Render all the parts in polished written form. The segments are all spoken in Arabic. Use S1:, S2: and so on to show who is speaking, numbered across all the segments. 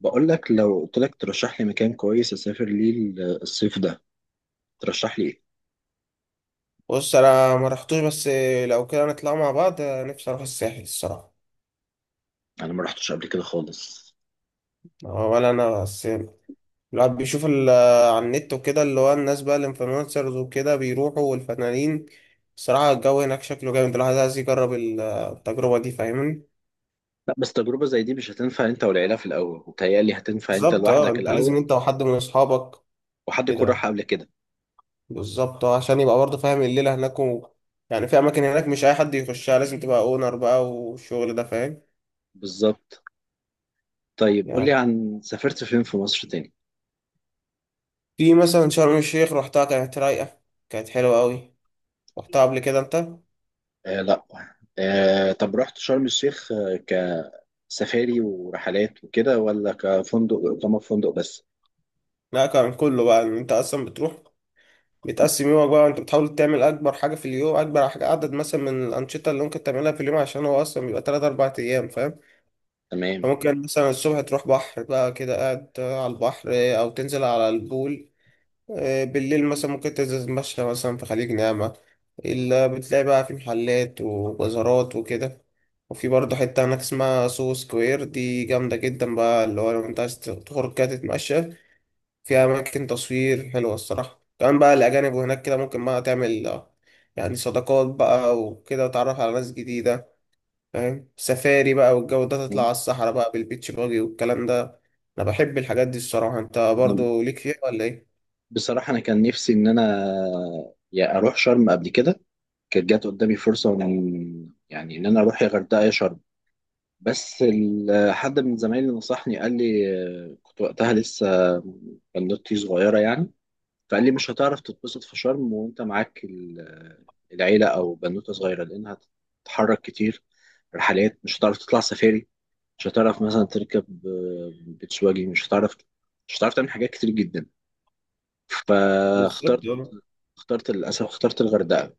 S1: بقول لك، لو قلت لك ترشح لي مكان كويس اسافر ليه الصيف ده. ترشح لي ايه؟
S2: بص، انا ما رحتوش. بس لو كده نطلع مع بعض، نفسي اروح الساحل الصراحه.
S1: انا ما رحتش قبل كده خالص.
S2: ولا انا بس. الواحد بيشوف على النت وكده، اللي هو الناس بقى الانفلونسرز وكده بيروحوا والفنانين. الصراحه الجو هناك شكله جامد، الواحد عايز يجرب التجربه دي، فاهمني؟
S1: لا، بس تجربة زي دي مش هتنفع انت والعيلة في الاول، وتهيألي هتنفع انت
S2: بالظبط اه،
S1: لوحدك
S2: انت لازم
S1: الاول.
S2: انت وحد من اصحابك.
S1: وحد يكون
S2: كده.
S1: راح قبل كده.
S2: بالظبط اه، عشان يبقى برضه فاهم الليله هناك يعني في اماكن هناك مش اي حد يخشها، لازم تبقى اونر بقى والشغل ده، فاهم.
S1: بالظبط. طيب قول لي،
S2: يعني
S1: عن سافرت فين في مصر تاني؟
S2: في مثلا شرم الشيخ، روحتها كانت رايقة، كانت حلوة أوي. روحتها قبل كده أنت؟
S1: آه لا. آه، طب رحت شرم الشيخ كسفاري ورحلات وكده، ولا كفندق، اقامة في فندق بس؟
S2: لا، كان كله بقى إن أنت أصلا بتروح بتقسم يومك بقى، وأنت بتحاول تعمل أكبر حاجة في اليوم، أكبر حاجة عدد مثلا من الأنشطة اللي ممكن تعملها في اليوم، عشان هو أصلا بيبقى تلات أربع أيام، فاهم؟
S1: تمام.
S2: فممكن مثلا الصبح تروح بحر بقى كده قاعد على البحر، أو تنزل على البول. بالليل مثلا ممكن تنزل تتمشى مثلا في خليج نعمة، اللي بتلاقي بقى في محلات وبازارات وكده. وفي برضه حتة هناك اسمها سو سكوير، دي جامدة جدا بقى، اللي هو لو انت عايز تخرج كده تتمشى. فيها أماكن تصوير حلوة الصراحة، كمان بقى الأجانب وهناك كده ممكن بقى تعمل يعني صداقات بقى وكده وتعرف على ناس جديدة، فاهم. سفاري بقى والجو ده، تطلع على الصحراء بقى بالبيتش باجي والكلام ده. أنا بحب الحاجات دي الصراحة، انت
S1: أنا-
S2: برضه ليك فيها ولا ايه؟
S1: بصراحة انا كان نفسي ان انا يا اروح شرم قبل كده. كانت جات قدامي فرصة من يعني إن أنا أروح يا غردقة يا شرم، بس حد من زمايلي نصحني، قال لي، كنت وقتها لسه بنوتي صغيرة يعني. فقال لي مش هتعرف تتبسط في شرم وأنت معاك العيلة أو بنوتة صغيرة، لأنها هتتحرك كتير. رحلات مش هتعرف تطلع سفاري، مش هتعرف مثلا تركب بيتش واجي، مش هتعرف، مش هتعرف تعمل حاجات كتير جدا.
S2: بالظبط.
S1: فاخترت اخترت للأسف، اخترت الغردقة.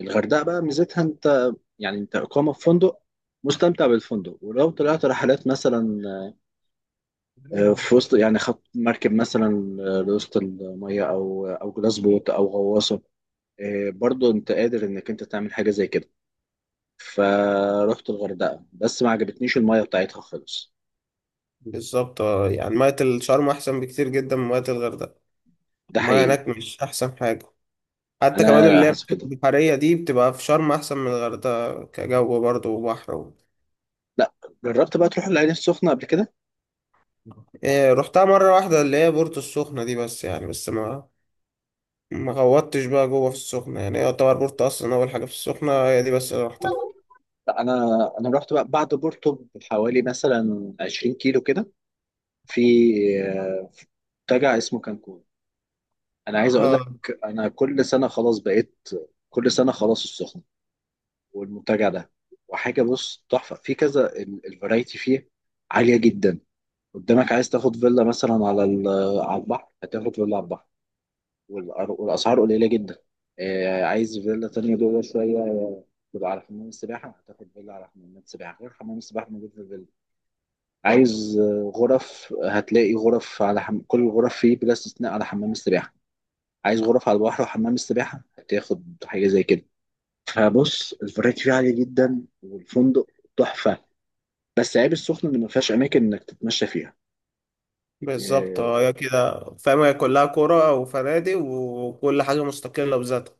S1: الغردقة بقى ميزتها، انت يعني انت إقامة في فندق، مستمتع بالفندق، ولو طلعت رحلات مثلا في وسط، يعني خط مركب مثلا لوسط المية، أو جلاس بوت أو غواصة، برضو أنت قادر إنك أنت تعمل حاجة زي كده. فروحت الغردقة، بس ما عجبتنيش المية بتاعتها خالص.
S2: بالظبط، يعني مية الشرم أحسن بكتير جدا من مية الغردقة.
S1: ده
S2: المية
S1: حقيقي.
S2: هناك مش أحسن حاجة، حتى كمان
S1: أنا
S2: اللي هي
S1: حاسس
S2: الحتة
S1: كده.
S2: البحرية دي بتبقى في شرم أحسن من الغردقة كجو برضه وبحر
S1: لا. جربت بقى تروح العين السخنة قبل كده؟
S2: إيه، رحتها مرة واحدة، اللي هي بورتو السخنة دي. بس يعني، بس ما غوطتش بقى جوه في السخنة، يعني هي يعتبر بورتو أصلا أول حاجة في السخنة، هي دي بس اللي رحتها.
S1: لا أنا أنا رحت بقى بعد بورتو بحوالي مثلا 20 كيلو كده، في في منتجع اسمه كانكون. انا عايز اقول اه
S2: اه،
S1: لك، انا كل سنه خلاص بقيت، كل سنه خلاص السخنه والمنتجع ده. وحاجه، بص، تحفه في كذا. الفرايتي فيه عاليه جدا. قدامك، عايز تاخد فيلا مثلا على على البحر، هتاخد فيلا على البحر، والاسعار قليله جدا. عايز فيلا تانية جوه شوية، تبقى على حمام السباحة، هتاخد فيلا على حمام السباحة، غير حمام السباحة موجود في الفيلا. عايز غرف، هتلاقي غرف على كل الغرف فيه بلا استثناء على حمام السباحة. عايز غرف على البحر وحمام السباحة، هتاخد حاجة زي كده. فبص، الفرايتي فيه عالية جدا، والفندق تحفة. بس عيب السخنة اللي ما فيهاش أماكن إنك تتمشى فيها.
S2: بالظبط
S1: آه،
S2: اه، هي كده فاهم، هي كلها كورة وفنادق وكل حاجة مستقلة بذاتها.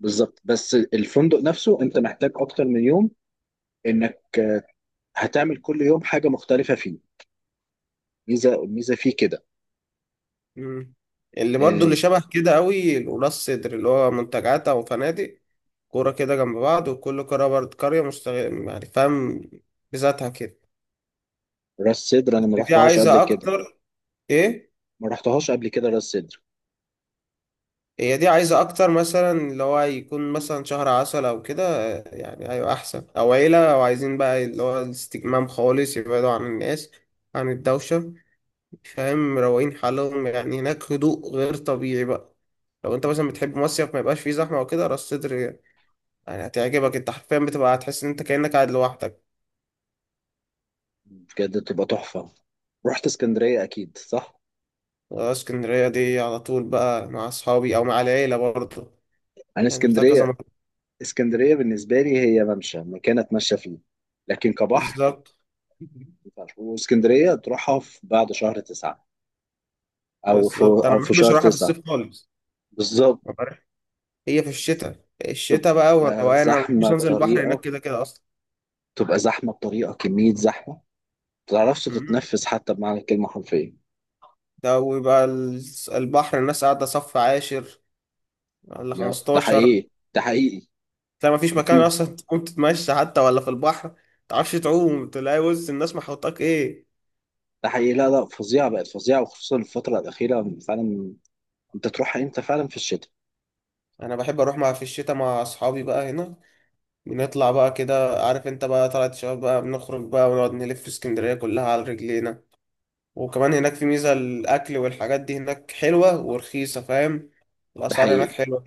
S1: بالظبط، بس الفندق نفسه أنت محتاج أكتر من يوم، إنك هتعمل كل يوم حاجة مختلفة فيه. الميزة فيه كده.
S2: مم. اللي برضو
S1: آه،
S2: اللي شبه كده قوي القلاص صدر، اللي هو منتجعات او فنادق، كوره كده جنب بعض، وكل قرية برضو قرية مستغل يعني، فاهم، بذاتها كده.
S1: راس سدر أنا ما
S2: بس دي
S1: رحتهاش قبل
S2: عايزة
S1: كده.
S2: اكتر. ايه.
S1: ما رحتهاش قبل كده راس سدر.
S2: هي دي عايزة اكتر مثلا، اللي هو يكون مثلا شهر عسل او كده، يعني ايوه احسن، او عيلة، او عايزين بقى اللي هو الاستجمام خالص، يبعدوا عن الناس عن الدوشة، فاهم، مروقين حالهم، يعني هناك هدوء غير طبيعي بقى. لو انت مثلا بتحب مصيف ما يبقاش فيه زحمة وكده، راس صدر يعني هتعجبك، انت حرفيا بتبقى هتحس ان انت كأنك قاعد لوحدك.
S1: بجد بتبقى تحفة. رحت اسكندرية أكيد صح؟
S2: اسكندرية دي على طول بقى مع اصحابي او مع العيلة برضه،
S1: أنا
S2: يعني رحتها كذا
S1: اسكندرية،
S2: مرة.
S1: اسكندرية بالنسبة لي هي ممشى، مكان أتمشى فيه، لكن كبحر
S2: بالظبط.
S1: مينفعش. واسكندرية تروحها في بعد شهر 9،
S2: بالظبط، انا
S1: أو
S2: ما
S1: في
S2: بحبش
S1: شهر
S2: اروحها في
S1: تسعة
S2: الصيف خالص،
S1: بالظبط.
S2: عارف؟ هي في الشتاء، الشتاء بقى
S1: تبقى
S2: والروقان، انا ما بحبش
S1: زحمة
S2: انزل البحر هناك
S1: بطريقة
S2: كده كده اصلا.
S1: تبقى زحمة بطريقة، كمية زحمة ما تعرفش
S2: مم.
S1: تتنفس حتى بمعنى الكلمة حرفيا.
S2: ده ويبقى البحر الناس قاعدة صف عاشر ولا
S1: ده
S2: 15.
S1: حقيقي، ده حقيقي.
S2: تلاقي ما فيش مكان
S1: في.
S2: اصلا تقوم تتمشى حتى ولا في البحر، ما تعرفش تعوم، تلاقي وسط الناس محوطاك ايه.
S1: ده حقيقي، لا لا، فظيعة، بقت فظيعة، وخصوصا الفترة الأخيرة فعلا. أنت تروح إمتى فعلا في الشتاء؟
S2: انا بحب اروح مع في الشتاء مع اصحابي بقى هنا، بنطلع بقى كده، عارف انت بقى، طلعت شباب بقى، بنخرج بقى ونقعد نلف في اسكندرية كلها على رجلينا. وكمان هناك في ميزة الاكل والحاجات دي هناك حلوة ورخيصة، فاهم،
S1: ده
S2: الاسعار هناك
S1: حقيقي.
S2: حلوة.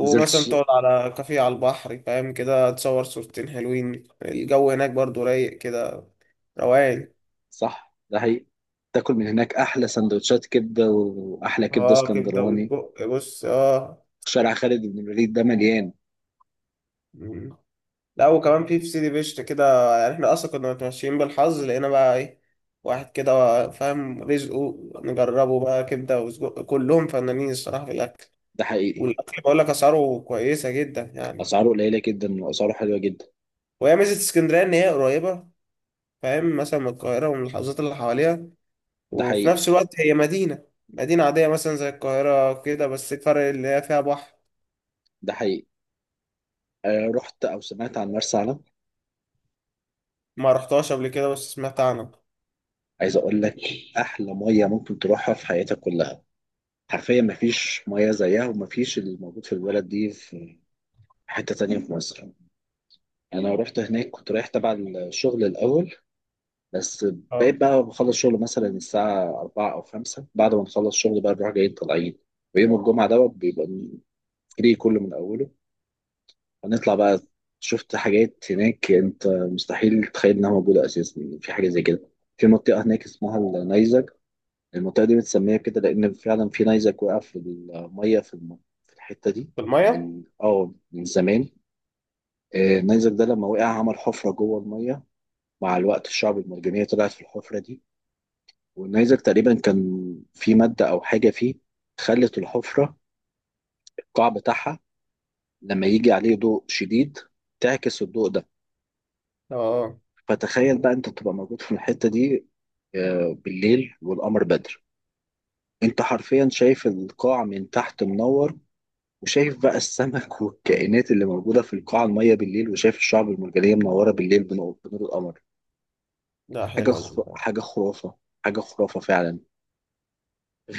S1: نزلت ش...
S2: تقعد على كافيه على البحر، فاهم كده، تصور صورتين حلوين، الجو هناك برضو رايق كده، روقان.
S1: صح، ده حقيقي. تاكل من هناك احلى سندوتشات كبده، واحلى كبده
S2: اه كبدة
S1: اسكندراني.
S2: وسجق، بص اه.
S1: شارع خالد بن الوليد ده مليان.
S2: لا، وكمان في سيدي بشت كده، يعني احنا اصلا كنا متمشيين بالحظ لقينا بقى ايه، واحد كده، فاهم رزقه، نجربه بقى كبده وسجق، كلهم فنانين الصراحه في الاكل.
S1: ده حقيقي.
S2: والاكل بقول لك اسعاره كويسه جدا يعني.
S1: اسعاره قليله جدا، واسعاره حلوه جدا.
S2: وهي ميزه اسكندريه ان هي قريبه، فاهم، مثلا من القاهره ومن الحظات اللي حواليها.
S1: ده
S2: وفي
S1: حقيقي.
S2: نفس الوقت هي مدينه، مدينه عاديه مثلا زي القاهره كده، بس الفرق اللي هي فيها بحر.
S1: ده حقيقي. آه، رحت او سمعت عن مرسى علم؟
S2: ما رحتهاش قبل كده بس سمعت عنها.
S1: عايز اقول لك، احلى ميه ممكن تروحها في حياتك كلها. حرفيا مفيش ميه زيها، ومفيش اللي موجود في البلد دي في حته تانية في مصر. انا رحت هناك كنت رايح تبع الشغل الاول، بس بقيت
S2: اه،
S1: بقى بخلص شغل مثلا الساعة 4 أو 5، بعد ما نخلص شغل بقى نروح جايين طالعين. ويوم الجمعة ده بيبقى فري كله من أوله، هنطلع بقى. شفت حاجات هناك أنت مستحيل تتخيل إنها موجودة أساسا، يعني في حاجة زي كده. في منطقة هناك اسمها النيزك. المنطقة دي متسمية كده لأن فعلا في نيزك وقع في المية، في في الحتة دي
S2: في الميه.
S1: من اه من زمان. النيزك ده لما وقع، عمل حفرة جوه المية. مع الوقت الشعب المرجانية طلعت في الحفرة دي. والنيزك تقريبا كان في مادة أو حاجة فيه خلت الحفرة، القاع بتاعها، لما يجي عليه ضوء شديد تعكس الضوء ده.
S2: اه.
S1: فتخيل بقى أنت تبقى موجود في الحتة دي بالليل والقمر بدر. أنت حرفيا شايف القاع من تحت منور، وشايف بقى السمك والكائنات اللي موجودة في القاع المية بالليل، وشايف الشعب المرجانية منورة بالليل بنور القمر.
S2: لا حلوه.
S1: حاجة خرافة، حاجة خرافة فعلا.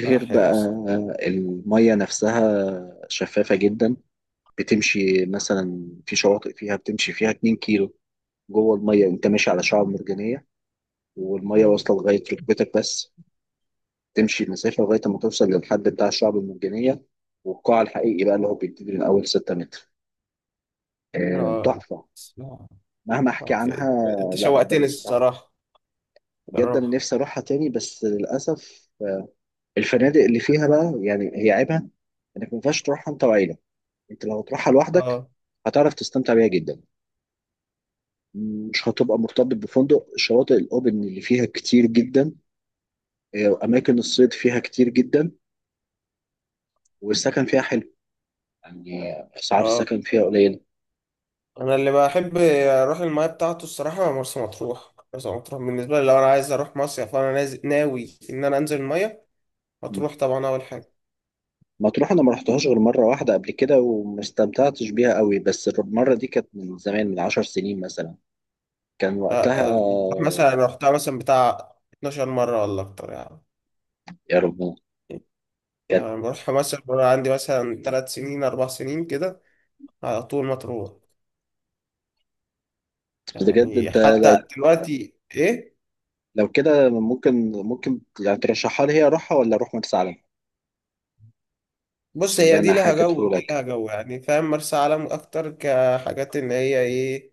S2: لا
S1: بقى
S2: حلوه.
S1: المية نفسها شفافة جدا. بتمشي مثلا في شواطئ فيها بتمشي فيها 2 كيلو جوه المية، انت ماشي على شعاب مرجانية، والمية واصلة لغاية ركبتك بس. تمشي المسافة لغاية ما توصل للحد بتاع الشعاب المرجانية والقاع الحقيقي بقى، اللي هو بيبتدي من أول 6 متر.
S2: اه.
S1: تحفة،
S2: آه.
S1: مهما أحكي
S2: آه.
S1: عنها.
S2: انت
S1: لا
S2: شوقتني
S1: البلد تحفة
S2: الصراحة.
S1: جدا، أنا
S2: الروح.
S1: نفسي أروحها تاني، بس للأسف الفنادق اللي فيها بقى، يعني هي عيبها إنك ما ينفعش تروحها أنت وعيلة. أنت لو تروحها لوحدك
S2: اه.
S1: هتعرف تستمتع بيها جدا. مش هتبقى مرتبط بفندق. الشواطئ الاوبن اللي فيها كتير جدا، اماكن الصيد فيها كتير جدا، والسكن فيها حلو، يعني اسعار
S2: اه،
S1: السكن فيها قليله.
S2: انا اللي بحب اروح المايه بتاعته الصراحة مرسى مطروح. مرسى مطروح بالنسبة لي، لو انا عايز اروح مصيف، فانا نازل ناوي ان انا انزل المايه، مطروح طبعا اول حاجة.
S1: مطروح انا ما رحتهاش غير مره واحده قبل كده، وما استمتعتش بيها قوي، بس المره دي كانت من زمان، من 10 سنين مثلا. كان وقتها،
S2: لا، مطروح مثلا رحتها مثلا بتاع 12 مرة ولا اكتر يعني.
S1: يا رب كانت.
S2: يعني بروحها مثلا وانا عندي مثلا 3 سنين 4 سنين كده، على طول مطروح.
S1: بجد
S2: يعني
S1: انت،
S2: حتى
S1: لو،
S2: دلوقتي ايه.
S1: لو كده ممكن، ممكن يعني ترشحها لي، هي اروحها ولا اروح مرسى علم؟
S2: بص
S1: بالله
S2: هي دي
S1: انا
S2: لها جو،
S1: حكيته
S2: دي
S1: لك.
S2: لها جو يعني، فاهم، مرسى علم اكتر كحاجات ان هي ايه،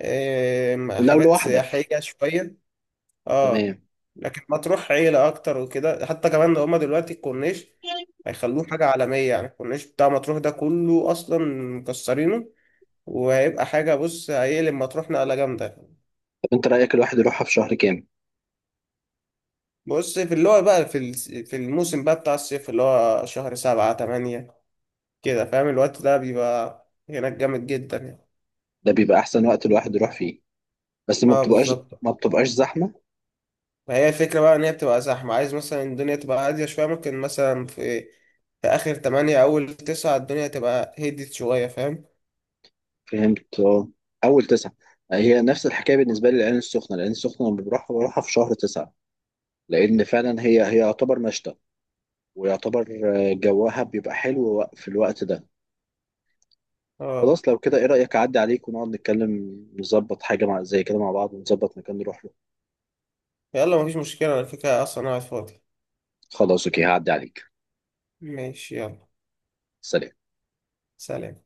S2: إيه
S1: لو
S2: حاجات
S1: لوحدك
S2: سياحية شوية. اه.
S1: تمام.
S2: لكن مطروح عيلة اكتر وكده، حتى كمان ده هما دلوقتي الكورنيش هيخلوه حاجة عالمية. يعني الكورنيش بتاع مطروح ده كله اصلا مكسرينه، وهيبقى حاجة، بص هيقلب مطروح نقلة جامدة.
S1: طب انت رايك الواحد يروحها في شهر كام؟
S2: بص في اللي هو بقى في الموسم بقى بتاع الصيف، اللي هو شهر سبعة تمانية كده، فاهم، الوقت ده بيبقى هناك جامد جدا يعني.
S1: ده بيبقى احسن وقت الواحد يروح فيه، بس ما
S2: اه
S1: بتبقاش،
S2: بالظبط.
S1: ما بتبقاش زحمه.
S2: ما هي الفكرة بقى إن هي بتبقى زحمة، عايز مثلا الدنيا تبقى هادية شوية، ممكن مثلا في آخر تمانية أول تسعة الدنيا تبقى هديت شوية، فاهم؟
S1: فهمت اه. اول 9، هي نفس الحكايه بالنسبه لي. العين السخنه، العين السخنه لما بروحها بروحها في شهر 9، لان فعلا هي، هي يعتبر مشتى، ويعتبر اه، جوها بيبقى حلو في الوقت ده.
S2: اه.
S1: خلاص لو كده ايه رايك اعدي عليك، ونقعد نتكلم نظبط حاجه مع، زي كده مع بعض، ونظبط مكان نروح له.
S2: يلا مفيش مشكلة، على فكرة أصلا أنا قاعد فاضي.
S1: خلاص اوكي، هعدي عليك.
S2: ماشي يلا.
S1: سلام.
S2: سلام.